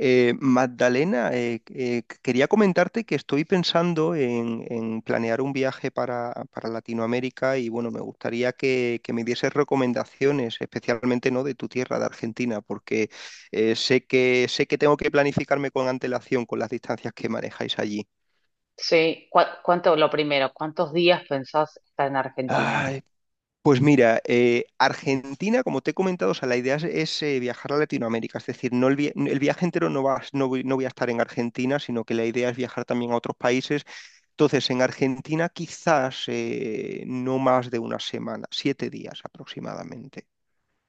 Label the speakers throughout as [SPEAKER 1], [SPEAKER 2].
[SPEAKER 1] Magdalena, quería comentarte que estoy pensando en planear un viaje para Latinoamérica y bueno, me gustaría que me dieses recomendaciones, especialmente ¿no?, de tu tierra, de Argentina, porque sé sé que tengo que planificarme con antelación con las distancias que manejáis allí.
[SPEAKER 2] Sí. Lo primero, ¿cuántos días pensás estar en Argentina?
[SPEAKER 1] Ay. Pues mira, Argentina, como te he comentado, o sea, la idea es viajar a Latinoamérica, es decir, no el, vi- el viaje entero no va, no voy a estar en Argentina, sino que la idea es viajar también a otros países. Entonces, en Argentina quizás no más de una semana, 7 días aproximadamente.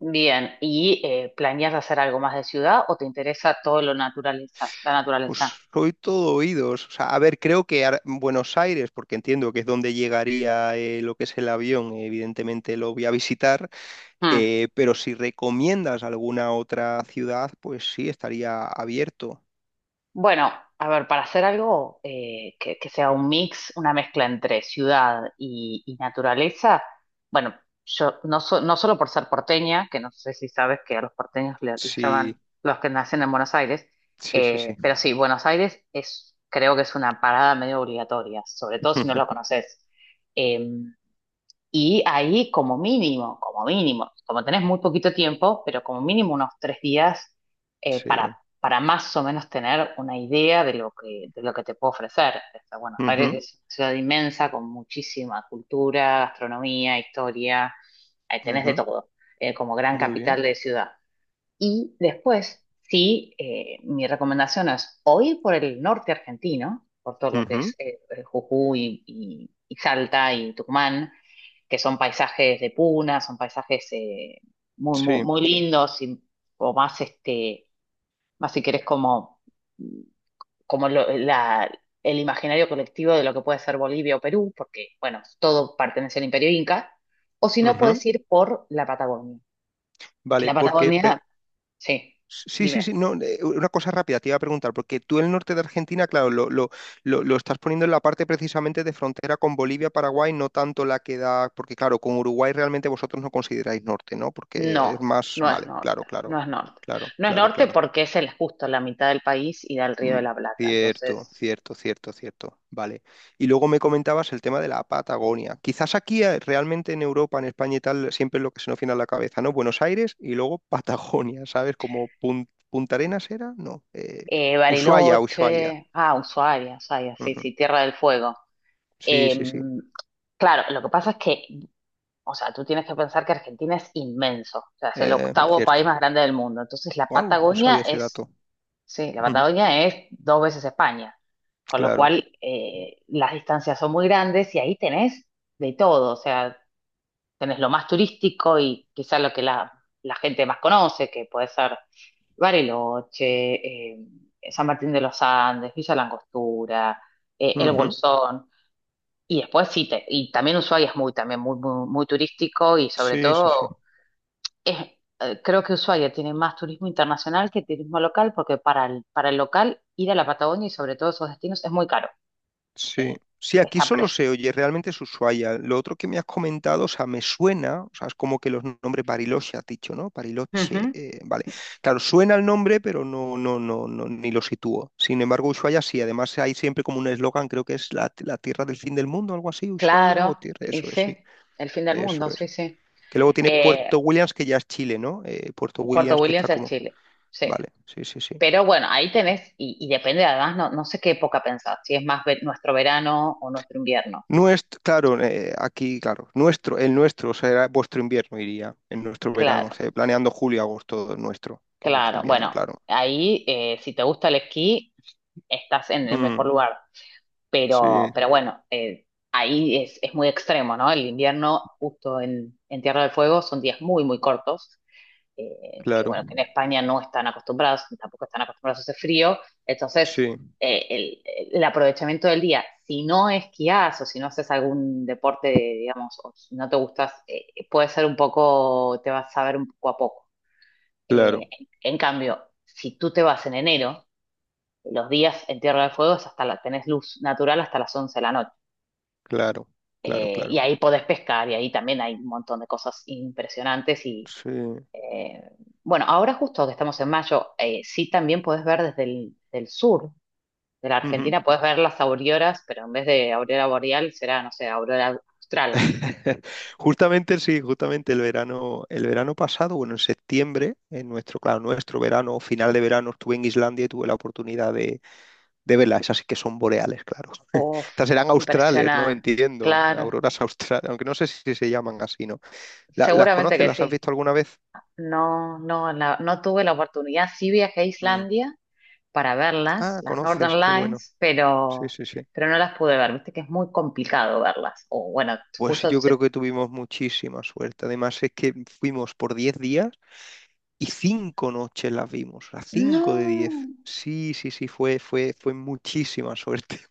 [SPEAKER 2] Bien, ¿y planeas hacer algo más de ciudad o te interesa todo lo naturaleza, la
[SPEAKER 1] Pues
[SPEAKER 2] naturaleza?
[SPEAKER 1] soy todo oídos. O sea, a ver, creo que Buenos Aires, porque entiendo que es donde llegaría lo que es el avión, evidentemente lo voy a visitar.
[SPEAKER 2] Hmm.
[SPEAKER 1] Pero si recomiendas alguna otra ciudad, pues sí, estaría abierto.
[SPEAKER 2] Bueno, a ver, para hacer algo que sea un mix, una mezcla entre ciudad y naturaleza, bueno, yo no, no solo por ser porteña, que no sé si sabes que a los porteños los
[SPEAKER 1] Sí,
[SPEAKER 2] llaman los que nacen en Buenos Aires,
[SPEAKER 1] sí, sí, sí.
[SPEAKER 2] pero sí, Buenos Aires es, creo que es una parada medio obligatoria, sobre todo si no lo conoces. Em, y ahí como mínimo, como mínimo, como tenés muy poquito tiempo, pero como mínimo unos 3 días,
[SPEAKER 1] Sí.
[SPEAKER 2] para más o menos tener una idea de lo que te puedo ofrecer. O sea, Buenos Aires
[SPEAKER 1] Ujú,
[SPEAKER 2] es una ciudad inmensa con muchísima cultura, gastronomía, historia. Tenés de
[SPEAKER 1] ujú.
[SPEAKER 2] todo, como gran
[SPEAKER 1] Muy
[SPEAKER 2] capital
[SPEAKER 1] bien.
[SPEAKER 2] de ciudad. Y después, sí, mi recomendación es o ir por el norte argentino, por todo lo que
[SPEAKER 1] Ujú.
[SPEAKER 2] es Jujuy y Salta y Tucumán, que son paisajes de puna, son paisajes muy, muy,
[SPEAKER 1] Sí.
[SPEAKER 2] muy lindos, y, o más, este, más si querés como, como el imaginario colectivo de lo que puede ser Bolivia o Perú, porque, bueno, todo pertenece al Imperio Inca, o si no,
[SPEAKER 1] Ujú.
[SPEAKER 2] puedes ir por la Patagonia. Que
[SPEAKER 1] Vale,
[SPEAKER 2] la
[SPEAKER 1] porque...
[SPEAKER 2] Patagonia, sí,
[SPEAKER 1] sí, sí, sí,
[SPEAKER 2] dime.
[SPEAKER 1] no, una cosa rápida, te iba a preguntar, porque tú el norte de Argentina, claro, lo estás poniendo en la parte precisamente de frontera con Bolivia, Paraguay, no tanto la que da, porque claro, con Uruguay realmente vosotros no consideráis norte, ¿no? Porque es
[SPEAKER 2] No,
[SPEAKER 1] más,
[SPEAKER 2] no es
[SPEAKER 1] vale, claro,
[SPEAKER 2] norte,
[SPEAKER 1] claro,
[SPEAKER 2] no es norte.
[SPEAKER 1] claro,
[SPEAKER 2] No es
[SPEAKER 1] claro,
[SPEAKER 2] norte
[SPEAKER 1] claro.
[SPEAKER 2] porque es el, justo la mitad del país y da al Río
[SPEAKER 1] Mm.
[SPEAKER 2] de la Plata.
[SPEAKER 1] Cierto,
[SPEAKER 2] Entonces,
[SPEAKER 1] cierto, cierto, cierto. Vale. Y luego me comentabas el tema de la Patagonia. Quizás aquí realmente en Europa, en España y tal, siempre es lo que se nos viene a la cabeza, ¿no? Buenos Aires y luego Patagonia, ¿sabes? Como Punta Arenas era, no. Ushuaia, Ushuaia.
[SPEAKER 2] Bariloche, ah, Ushuaia, Ushuaia, sí,
[SPEAKER 1] Ujú.
[SPEAKER 2] sí, Tierra del Fuego.
[SPEAKER 1] Sí,
[SPEAKER 2] Eh,
[SPEAKER 1] sí, sí.
[SPEAKER 2] claro, lo que pasa es que, o sea, tú tienes que pensar que Argentina es inmenso, o sea, es el octavo país
[SPEAKER 1] Cierto.
[SPEAKER 2] más grande del mundo. Entonces, la
[SPEAKER 1] Wow, no
[SPEAKER 2] Patagonia
[SPEAKER 1] sabía ese
[SPEAKER 2] es,
[SPEAKER 1] dato.
[SPEAKER 2] sí, la
[SPEAKER 1] Ujú.
[SPEAKER 2] Patagonia es dos veces España, con lo
[SPEAKER 1] Claro.
[SPEAKER 2] cual las distancias son muy grandes y ahí tenés de todo, o sea tenés lo más turístico y quizá lo que la gente más conoce, que puede ser Bariloche, eh, San Martín de los Andes, Villa La Angostura, El
[SPEAKER 1] Ujú.
[SPEAKER 2] Bolsón. Y después sí, y también Ushuaia es muy, también muy, muy, muy turístico y sobre
[SPEAKER 1] Sí, sí, sí.
[SPEAKER 2] todo es, creo que Ushuaia tiene más turismo internacional que turismo local porque para el local ir a la Patagonia y sobre todo esos destinos es muy caro.
[SPEAKER 1] Sí,
[SPEAKER 2] Eh,
[SPEAKER 1] sí, aquí
[SPEAKER 2] Está
[SPEAKER 1] solo
[SPEAKER 2] preso.
[SPEAKER 1] se oye, realmente es Ushuaia. Lo otro que me has comentado, o sea, me suena, o sea, es como que los nombres Bariloche has dicho, ¿no?
[SPEAKER 2] Ujú.
[SPEAKER 1] Bariloche, vale. Claro, suena el nombre, pero no, no, no, no, ni lo sitúo. Sin embargo, Ushuaia sí, además hay siempre como un eslogan, creo que es la tierra del fin del mundo, algo así, Ushuaia o
[SPEAKER 2] Claro,
[SPEAKER 1] tierra,
[SPEAKER 2] y
[SPEAKER 1] eso es,
[SPEAKER 2] sí,
[SPEAKER 1] sí,
[SPEAKER 2] el fin del
[SPEAKER 1] eso
[SPEAKER 2] mundo,
[SPEAKER 1] es.
[SPEAKER 2] sí, sí.
[SPEAKER 1] Que luego tiene
[SPEAKER 2] Eh,
[SPEAKER 1] Puerto Williams, que ya es Chile, ¿no? Puerto
[SPEAKER 2] Puerto
[SPEAKER 1] Williams, que está
[SPEAKER 2] Williams es
[SPEAKER 1] como,
[SPEAKER 2] Chile, sí.
[SPEAKER 1] vale, sí, sí, sí.
[SPEAKER 2] Pero bueno, ahí tenés, y depende además, no, no sé qué época pensás, si es más nuestro verano o nuestro invierno.
[SPEAKER 1] Nuestro, claro, aquí, claro, nuestro, el nuestro será vuestro invierno, iría, en nuestro verano, o
[SPEAKER 2] Claro,
[SPEAKER 1] sea, planeando julio, agosto, el nuestro, que vuestro
[SPEAKER 2] claro.
[SPEAKER 1] invierno,
[SPEAKER 2] Bueno,
[SPEAKER 1] claro.
[SPEAKER 2] ahí si te gusta el esquí, estás en el
[SPEAKER 1] Mm,
[SPEAKER 2] mejor lugar. Pero,
[SPEAKER 1] sí,
[SPEAKER 2] pero bueno, ahí es muy extremo, ¿no? El invierno, justo en Tierra del Fuego, son días muy, muy cortos. Que
[SPEAKER 1] claro,
[SPEAKER 2] bueno, que en España no están acostumbrados, tampoco están acostumbrados a ese frío, entonces
[SPEAKER 1] sí,
[SPEAKER 2] eh, el, el aprovechamiento del día, si no esquías o si no haces algún deporte, digamos, o si no te gustas, puede ser un poco, te vas a ver un poco a poco.
[SPEAKER 1] claro,
[SPEAKER 2] En cambio, si tú te vas en enero, los días en Tierra del Fuego es hasta tenés luz natural hasta las 11 de la noche.
[SPEAKER 1] claro, claro,
[SPEAKER 2] Y
[SPEAKER 1] claro,
[SPEAKER 2] ahí podés pescar y ahí también hay un montón de cosas impresionantes y,
[SPEAKER 1] sí.
[SPEAKER 2] eh, bueno, ahora justo que estamos en mayo, sí también podés ver desde el del sur de la
[SPEAKER 1] Ujú.
[SPEAKER 2] Argentina, podés ver las auroras, pero en vez de aurora boreal será, no sé, aurora austral.
[SPEAKER 1] Justamente, sí, justamente el verano pasado, bueno, en septiembre, en nuestro, claro, nuestro verano, final de verano, estuve en Islandia y tuve la oportunidad de verlas, esas sí que son boreales, claro. Estas serán australes, ¿no?
[SPEAKER 2] Impresionante,
[SPEAKER 1] Entiendo.
[SPEAKER 2] claro,
[SPEAKER 1] Auroras australes, aunque no sé si se llaman así, ¿no? ¿Las
[SPEAKER 2] seguramente
[SPEAKER 1] conoces?
[SPEAKER 2] que
[SPEAKER 1] ¿Las
[SPEAKER 2] sí.
[SPEAKER 1] has visto alguna vez?
[SPEAKER 2] No, no, no tuve la oportunidad, sí viajé a
[SPEAKER 1] Mm.
[SPEAKER 2] Islandia para verlas,
[SPEAKER 1] Ah,
[SPEAKER 2] las
[SPEAKER 1] conoces,
[SPEAKER 2] Northern
[SPEAKER 1] qué bueno.
[SPEAKER 2] Lines,
[SPEAKER 1] Sí,
[SPEAKER 2] pero,
[SPEAKER 1] sí, sí.
[SPEAKER 2] pero no las pude ver, viste que es muy complicado verlas. O bueno,
[SPEAKER 1] Pues
[SPEAKER 2] justo
[SPEAKER 1] yo creo
[SPEAKER 2] se...
[SPEAKER 1] que tuvimos muchísima suerte. Además, es que fuimos por 10 días y 5 noches las vimos, las 5 de 10.
[SPEAKER 2] no,
[SPEAKER 1] Sí, sí, sí, fue muchísima suerte,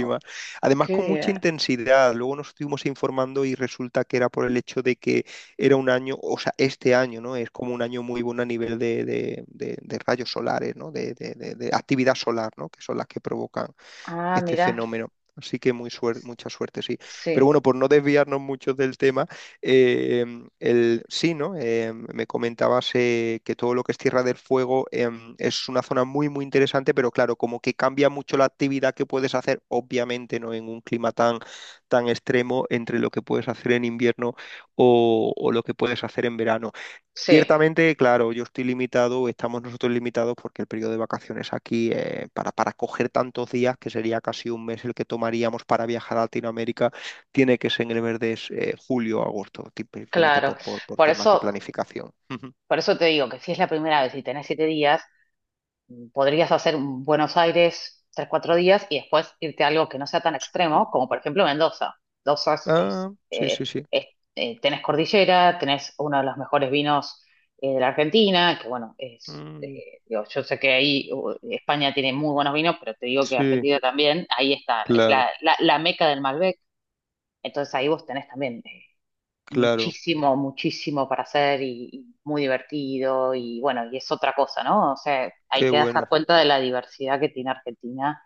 [SPEAKER 2] oh,
[SPEAKER 1] Además,
[SPEAKER 2] qué
[SPEAKER 1] con mucha
[SPEAKER 2] bien.
[SPEAKER 1] intensidad. Luego nos estuvimos informando y resulta que era por el hecho de que era un año, o sea, este año, ¿no? Es como un año muy bueno a nivel de rayos solares, ¿no? De actividad solar, ¿no? Que son las que provocan
[SPEAKER 2] Ah,
[SPEAKER 1] este
[SPEAKER 2] mira,
[SPEAKER 1] fenómeno. Así que mucha suerte, sí. Pero
[SPEAKER 2] sí.
[SPEAKER 1] bueno, por no desviarnos mucho del tema, eh, sí, ¿no? Me comentabas que todo lo que es Tierra del Fuego es una zona muy, muy interesante, pero claro, como que cambia mucho la actividad que puedes hacer, obviamente, ¿no? En un clima tan extremo entre lo que puedes hacer en invierno o lo que puedes hacer en verano.
[SPEAKER 2] Sí,
[SPEAKER 1] Ciertamente, claro, yo estoy limitado, estamos nosotros limitados porque el periodo de vacaciones aquí, para coger tantos días, que sería casi un mes el que tomaríamos para viajar a Latinoamérica, tiene que ser en el mes de julio o agosto, tipo, simplemente
[SPEAKER 2] claro.
[SPEAKER 1] por
[SPEAKER 2] Por
[SPEAKER 1] temas de
[SPEAKER 2] eso,
[SPEAKER 1] planificación. Ujú.
[SPEAKER 2] por eso te digo que si es la primera vez y tenés 7 días, podrías hacer un Buenos Aires 3, 4 días y después irte a algo que no sea tan
[SPEAKER 1] Sí.
[SPEAKER 2] extremo, como por ejemplo Mendoza. Mendoza
[SPEAKER 1] Ah, sí, sí, sí.
[SPEAKER 2] es- tenés cordillera, tenés uno de los mejores vinos de la Argentina, que bueno,
[SPEAKER 1] Mm,
[SPEAKER 2] digo, yo sé que ahí España tiene muy buenos vinos, pero te digo que
[SPEAKER 1] sí,
[SPEAKER 2] Argentina también, ahí está, es
[SPEAKER 1] claro,
[SPEAKER 2] la meca del Malbec, entonces ahí vos tenés también. eh,
[SPEAKER 1] claro.
[SPEAKER 2] muchísimo, muchísimo para hacer y muy divertido y bueno, y es otra cosa, ¿no? O sea, hay
[SPEAKER 1] Qué
[SPEAKER 2] que dar
[SPEAKER 1] bueno.
[SPEAKER 2] cuenta de la diversidad que tiene Argentina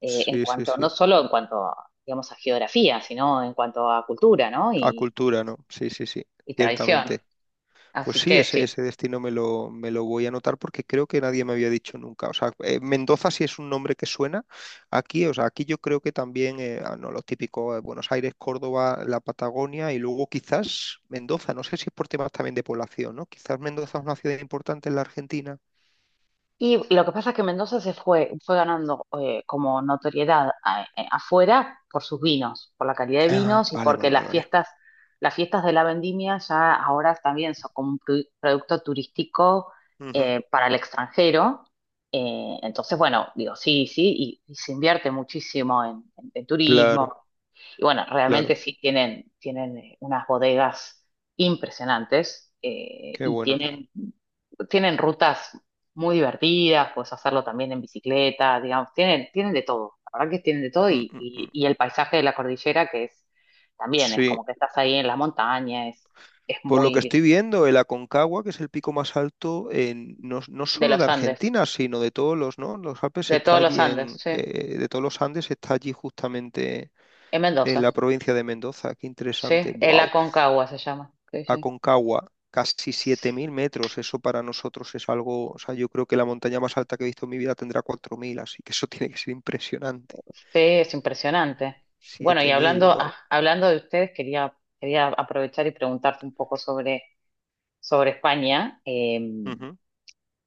[SPEAKER 2] en
[SPEAKER 1] Sí, sí,
[SPEAKER 2] cuanto, no
[SPEAKER 1] sí.
[SPEAKER 2] solo en cuanto, digamos, a geografía, sino en cuanto a cultura, ¿no?
[SPEAKER 1] A
[SPEAKER 2] Y,
[SPEAKER 1] cultura, ¿no? Sí, sí, sí.
[SPEAKER 2] y tradición.
[SPEAKER 1] Ciertamente. Pues
[SPEAKER 2] Así
[SPEAKER 1] sí,
[SPEAKER 2] que sí.
[SPEAKER 1] ese destino me me lo voy a anotar porque creo que nadie me había dicho nunca. O sea, Mendoza sí es un nombre que suena aquí. O sea, aquí yo creo que también, no, los típicos Buenos Aires, Córdoba, la Patagonia y luego quizás Mendoza. No sé si es por temas también de población, ¿no? Quizás Mendoza es una ciudad importante en la Argentina.
[SPEAKER 2] Y lo que pasa es que Mendoza se fue ganando como notoriedad afuera por sus vinos, por la calidad de
[SPEAKER 1] Ah,
[SPEAKER 2] vinos y
[SPEAKER 1] vale,
[SPEAKER 2] porque
[SPEAKER 1] vale, vale,
[SPEAKER 2] las
[SPEAKER 1] vale.
[SPEAKER 2] fiestas, las fiestas de la vendimia ya ahora también son como un producto turístico
[SPEAKER 1] Ujú.
[SPEAKER 2] para el extranjero. Entonces, bueno, digo, sí, sí, y se invierte muchísimo en, en
[SPEAKER 1] Claro,
[SPEAKER 2] turismo, y bueno,
[SPEAKER 1] claro.
[SPEAKER 2] realmente sí tienen unas bodegas impresionantes
[SPEAKER 1] Qué
[SPEAKER 2] y
[SPEAKER 1] bueno.
[SPEAKER 2] tienen rutas muy divertidas, puedes hacerlo también en bicicleta, digamos, tienen de todo, la verdad que tienen de todo
[SPEAKER 1] Mm,
[SPEAKER 2] y,
[SPEAKER 1] mm,
[SPEAKER 2] y-
[SPEAKER 1] mm.
[SPEAKER 2] y el paisaje de la cordillera que es también, es
[SPEAKER 1] Sí.
[SPEAKER 2] como que estás ahí en la montaña, es
[SPEAKER 1] Por lo
[SPEAKER 2] muy
[SPEAKER 1] que
[SPEAKER 2] lindo.
[SPEAKER 1] estoy viendo, el Aconcagua, que es el pico más alto, no, no
[SPEAKER 2] De
[SPEAKER 1] solo de
[SPEAKER 2] los Andes,
[SPEAKER 1] Argentina, sino de todos los, ¿no? Los Alpes
[SPEAKER 2] de
[SPEAKER 1] está
[SPEAKER 2] todos los
[SPEAKER 1] allí
[SPEAKER 2] Andes,
[SPEAKER 1] en,
[SPEAKER 2] sí,
[SPEAKER 1] de todos los Andes está allí justamente
[SPEAKER 2] en
[SPEAKER 1] en la
[SPEAKER 2] Mendoza,
[SPEAKER 1] provincia de Mendoza. Qué
[SPEAKER 2] sí,
[SPEAKER 1] interesante.
[SPEAKER 2] el
[SPEAKER 1] Wow.
[SPEAKER 2] Aconcagua se llama, sí, sí.
[SPEAKER 1] Aconcagua, casi 7000 metros. Eso para nosotros es algo, o sea, yo creo que la montaña más alta que he visto en mi vida tendrá cuatro mil, así que eso tiene que ser impresionante.
[SPEAKER 2] Sí, es impresionante. Bueno, y
[SPEAKER 1] 7000,
[SPEAKER 2] hablando,
[SPEAKER 1] wow.
[SPEAKER 2] ah, hablando de ustedes, quería aprovechar y preguntarte un poco sobre, España,
[SPEAKER 1] Ujú.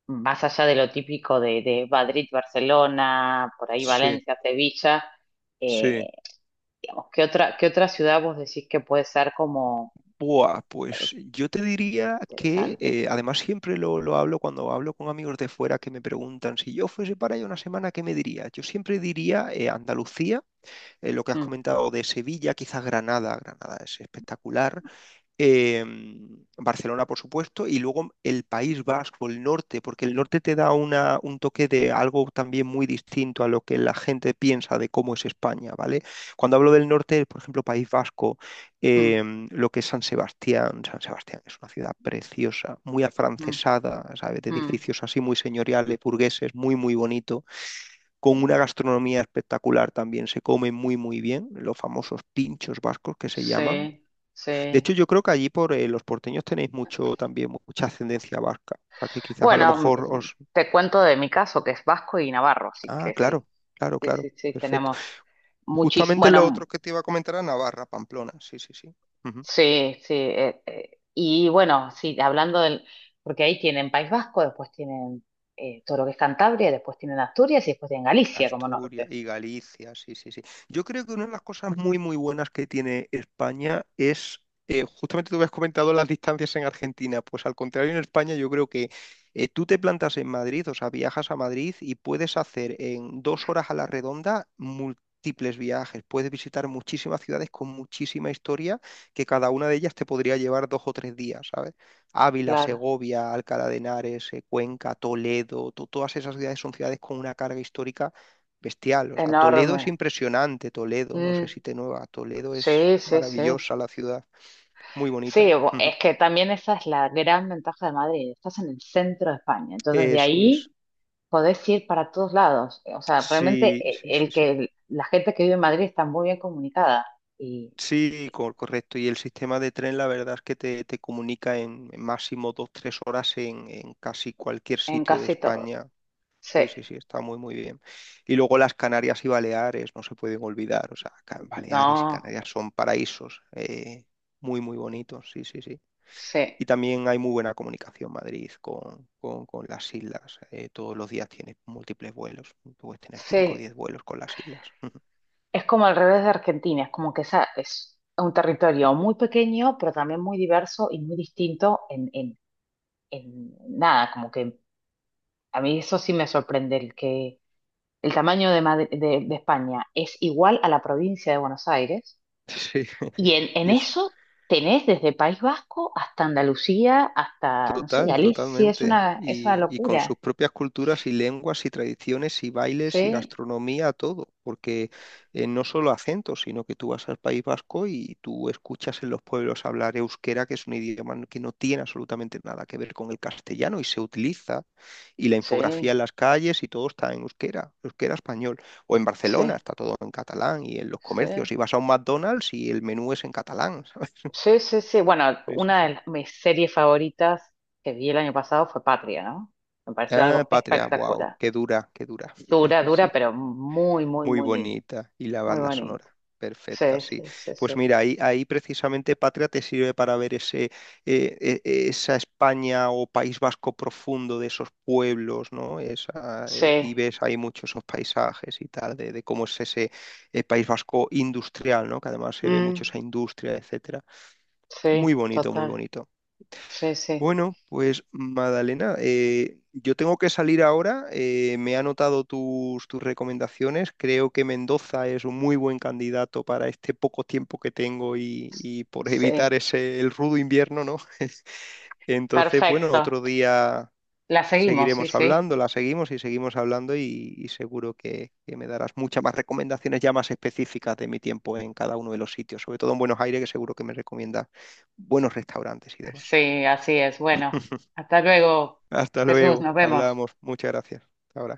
[SPEAKER 2] más allá de lo típico de, Madrid, Barcelona, por ahí
[SPEAKER 1] Sí,
[SPEAKER 2] Valencia, Sevilla, eh,
[SPEAKER 1] sí.
[SPEAKER 2] digamos, ¿qué otra ciudad vos decís que puede ser como
[SPEAKER 1] Buah, pues yo te diría que,
[SPEAKER 2] interesante?
[SPEAKER 1] además siempre lo hablo cuando hablo con amigos de fuera que me preguntan, si yo fuese para allá una semana, ¿qué me diría? Yo siempre diría Andalucía, lo que has
[SPEAKER 2] Mm,
[SPEAKER 1] comentado de Sevilla, quizás Granada, Granada es espectacular, eh, Barcelona, por supuesto, y luego el País Vasco, el norte, porque el norte te da un toque de algo también muy distinto a lo que la gente piensa de cómo es España, ¿vale? Cuando hablo del norte, por ejemplo, País Vasco,
[SPEAKER 2] mm,
[SPEAKER 1] eh, lo que es San Sebastián. San Sebastián es una ciudad preciosa, muy
[SPEAKER 2] mm,
[SPEAKER 1] afrancesada, ¿sabes? De
[SPEAKER 2] mm.
[SPEAKER 1] edificios así muy señoriales, burgueses, muy, muy bonito, con una gastronomía espectacular también, se come muy, muy bien, los famosos pinchos vascos que se llaman.
[SPEAKER 2] Sí,
[SPEAKER 1] De hecho,
[SPEAKER 2] sí.
[SPEAKER 1] yo creo que allí por los porteños tenéis mucho también, mucha ascendencia vasca. O sea, que quizás a lo
[SPEAKER 2] Bueno,
[SPEAKER 1] mejor os...
[SPEAKER 2] te cuento de mi caso, que es vasco y navarro, así
[SPEAKER 1] Ah,
[SPEAKER 2] que sí,
[SPEAKER 1] claro, claro,
[SPEAKER 2] sí,
[SPEAKER 1] claro.
[SPEAKER 2] sí, sí,
[SPEAKER 1] Perfecto.
[SPEAKER 2] tenemos muchísimo.
[SPEAKER 1] Justamente lo
[SPEAKER 2] Bueno,
[SPEAKER 1] otro que te iba a comentar era Navarra, Pamplona. Sí, sí, sí. Ujú.
[SPEAKER 2] sí, sí. Y bueno, sí, hablando del. Porque ahí tienen País Vasco, después tienen todo lo que es Cantabria, después tienen Asturias y después tienen Galicia como
[SPEAKER 1] Asturias
[SPEAKER 2] norte.
[SPEAKER 1] y Galicia, sí, sí, sí. Yo creo que una de las cosas muy, muy buenas que tiene España es, justamente tú habías comentado las distancias en Argentina, pues al contrario en España yo creo que tú te plantas en Madrid, o sea, viajas a Madrid y puedes hacer en 2 horas a la redonda múltiples viajes, puedes visitar muchísimas ciudades con muchísima historia, que cada una de ellas te podría llevar 2 o 3 días, ¿sabes? Ávila,
[SPEAKER 2] Claro,
[SPEAKER 1] Segovia, Alcalá de Henares, Cuenca, Toledo, todas esas ciudades son ciudades con una carga histórica bestial. O sea, Toledo es
[SPEAKER 2] enorme.
[SPEAKER 1] impresionante, Toledo, no
[SPEAKER 2] Mm,
[SPEAKER 1] sé si te nueva, Toledo es
[SPEAKER 2] sí, sí, sí.
[SPEAKER 1] maravillosa la ciudad, muy
[SPEAKER 2] Sí,
[SPEAKER 1] bonita. Ujú.
[SPEAKER 2] es que también esa es la gran ventaja de Madrid. Estás en el centro de España, entonces de
[SPEAKER 1] Eso es.
[SPEAKER 2] ahí podés ir para todos lados. O sea, realmente
[SPEAKER 1] Sí, sí, sí,
[SPEAKER 2] el
[SPEAKER 1] sí.
[SPEAKER 2] que la gente que vive en Madrid está muy bien comunicada. Y
[SPEAKER 1] Sí, correcto. Y el sistema de tren, la verdad es que te comunica en máximo 2, 3 horas en casi cualquier
[SPEAKER 2] en
[SPEAKER 1] sitio de
[SPEAKER 2] casi todo.
[SPEAKER 1] España.
[SPEAKER 2] Sí.
[SPEAKER 1] Sí, sí, sí, está muy, muy bien. Y luego las Canarias y Baleares, no se pueden olvidar. O sea, Baleares y
[SPEAKER 2] No,
[SPEAKER 1] Canarias son paraísos, muy, muy bonitos. Sí, sí, sí.
[SPEAKER 2] sí.
[SPEAKER 1] Y también hay muy buena comunicación Madrid con las islas. Todos los días tienes múltiples vuelos. Puedes tener 5 o 10
[SPEAKER 2] Sí.
[SPEAKER 1] vuelos con las islas.
[SPEAKER 2] Es como al revés de Argentina, es como que esa es un territorio muy pequeño, pero también muy diverso y muy distinto en, nada, como que a mí eso sí me sorprende, el que el tamaño de, de España es igual a la provincia de Buenos Aires
[SPEAKER 1] Sí,
[SPEAKER 2] y en
[SPEAKER 1] y es
[SPEAKER 2] eso tenés desde País Vasco hasta Andalucía, hasta, no sé,
[SPEAKER 1] total,
[SPEAKER 2] Galicia, es
[SPEAKER 1] totalmente.
[SPEAKER 2] una, es una
[SPEAKER 1] Y con
[SPEAKER 2] locura.
[SPEAKER 1] sus propias culturas y lenguas y tradiciones y bailes y
[SPEAKER 2] Sí,
[SPEAKER 1] gastronomía, todo. Porque no solo acentos, sino que tú vas al País Vasco y tú escuchas en los pueblos hablar euskera, que es un idioma que no tiene absolutamente nada que ver con el castellano y se utiliza. Y la infografía
[SPEAKER 2] sí,
[SPEAKER 1] en las calles y todo está en euskera, euskera español. O en
[SPEAKER 2] sí.
[SPEAKER 1] Barcelona está todo en catalán y en los
[SPEAKER 2] Sí,
[SPEAKER 1] comercios. Y vas a un McDonald's y el menú es en catalán.
[SPEAKER 2] sí, sí, sí. Bueno,
[SPEAKER 1] ¿Sabes?
[SPEAKER 2] una de mis series favoritas que vi el año pasado fue Patria, ¿no? Me pareció
[SPEAKER 1] Ah,
[SPEAKER 2] algo
[SPEAKER 1] Patria, wow,
[SPEAKER 2] espectacular.
[SPEAKER 1] qué dura, qué dura.
[SPEAKER 2] Dura, dura,
[SPEAKER 1] Sí,
[SPEAKER 2] pero muy, muy,
[SPEAKER 1] muy
[SPEAKER 2] muy linda.
[SPEAKER 1] bonita. Y la
[SPEAKER 2] Muy
[SPEAKER 1] banda
[SPEAKER 2] bonita.
[SPEAKER 1] sonora,
[SPEAKER 2] Sí,
[SPEAKER 1] perfecta, sí.
[SPEAKER 2] sí, sí,
[SPEAKER 1] Pues
[SPEAKER 2] sí.
[SPEAKER 1] mira, ahí precisamente Patria te sirve para ver ese, esa España o País Vasco profundo de esos pueblos, ¿no? Esa, y
[SPEAKER 2] Sí,
[SPEAKER 1] ves ahí muchos esos paisajes y tal, de cómo es ese País Vasco industrial, ¿no? Que además se ve mucho
[SPEAKER 2] mm,
[SPEAKER 1] esa industria, etcétera. Muy
[SPEAKER 2] sí,
[SPEAKER 1] bonito, muy
[SPEAKER 2] total.
[SPEAKER 1] bonito.
[SPEAKER 2] Sí, sí.
[SPEAKER 1] Bueno, pues Madalena, yo tengo que salir ahora. Me he anotado tus recomendaciones. Creo que Mendoza es un muy buen candidato para este poco tiempo que tengo y por evitar
[SPEAKER 2] Sí,
[SPEAKER 1] ese, el rudo invierno, ¿no? Entonces, bueno,
[SPEAKER 2] perfecto.
[SPEAKER 1] otro día
[SPEAKER 2] La seguimos, sí,
[SPEAKER 1] seguiremos
[SPEAKER 2] sí.
[SPEAKER 1] hablando, la seguimos y seguimos hablando y seguro que me darás muchas más recomendaciones ya más específicas de mi tiempo en cada uno de los sitios, sobre todo en Buenos Aires, que seguro que me recomienda buenos restaurantes y demás.
[SPEAKER 2] Sí, así es. Bueno, hasta luego,
[SPEAKER 1] Hasta
[SPEAKER 2] Jesús,
[SPEAKER 1] luego.
[SPEAKER 2] nos vemos.
[SPEAKER 1] Hablamos. Muchas gracias. Hasta ahora.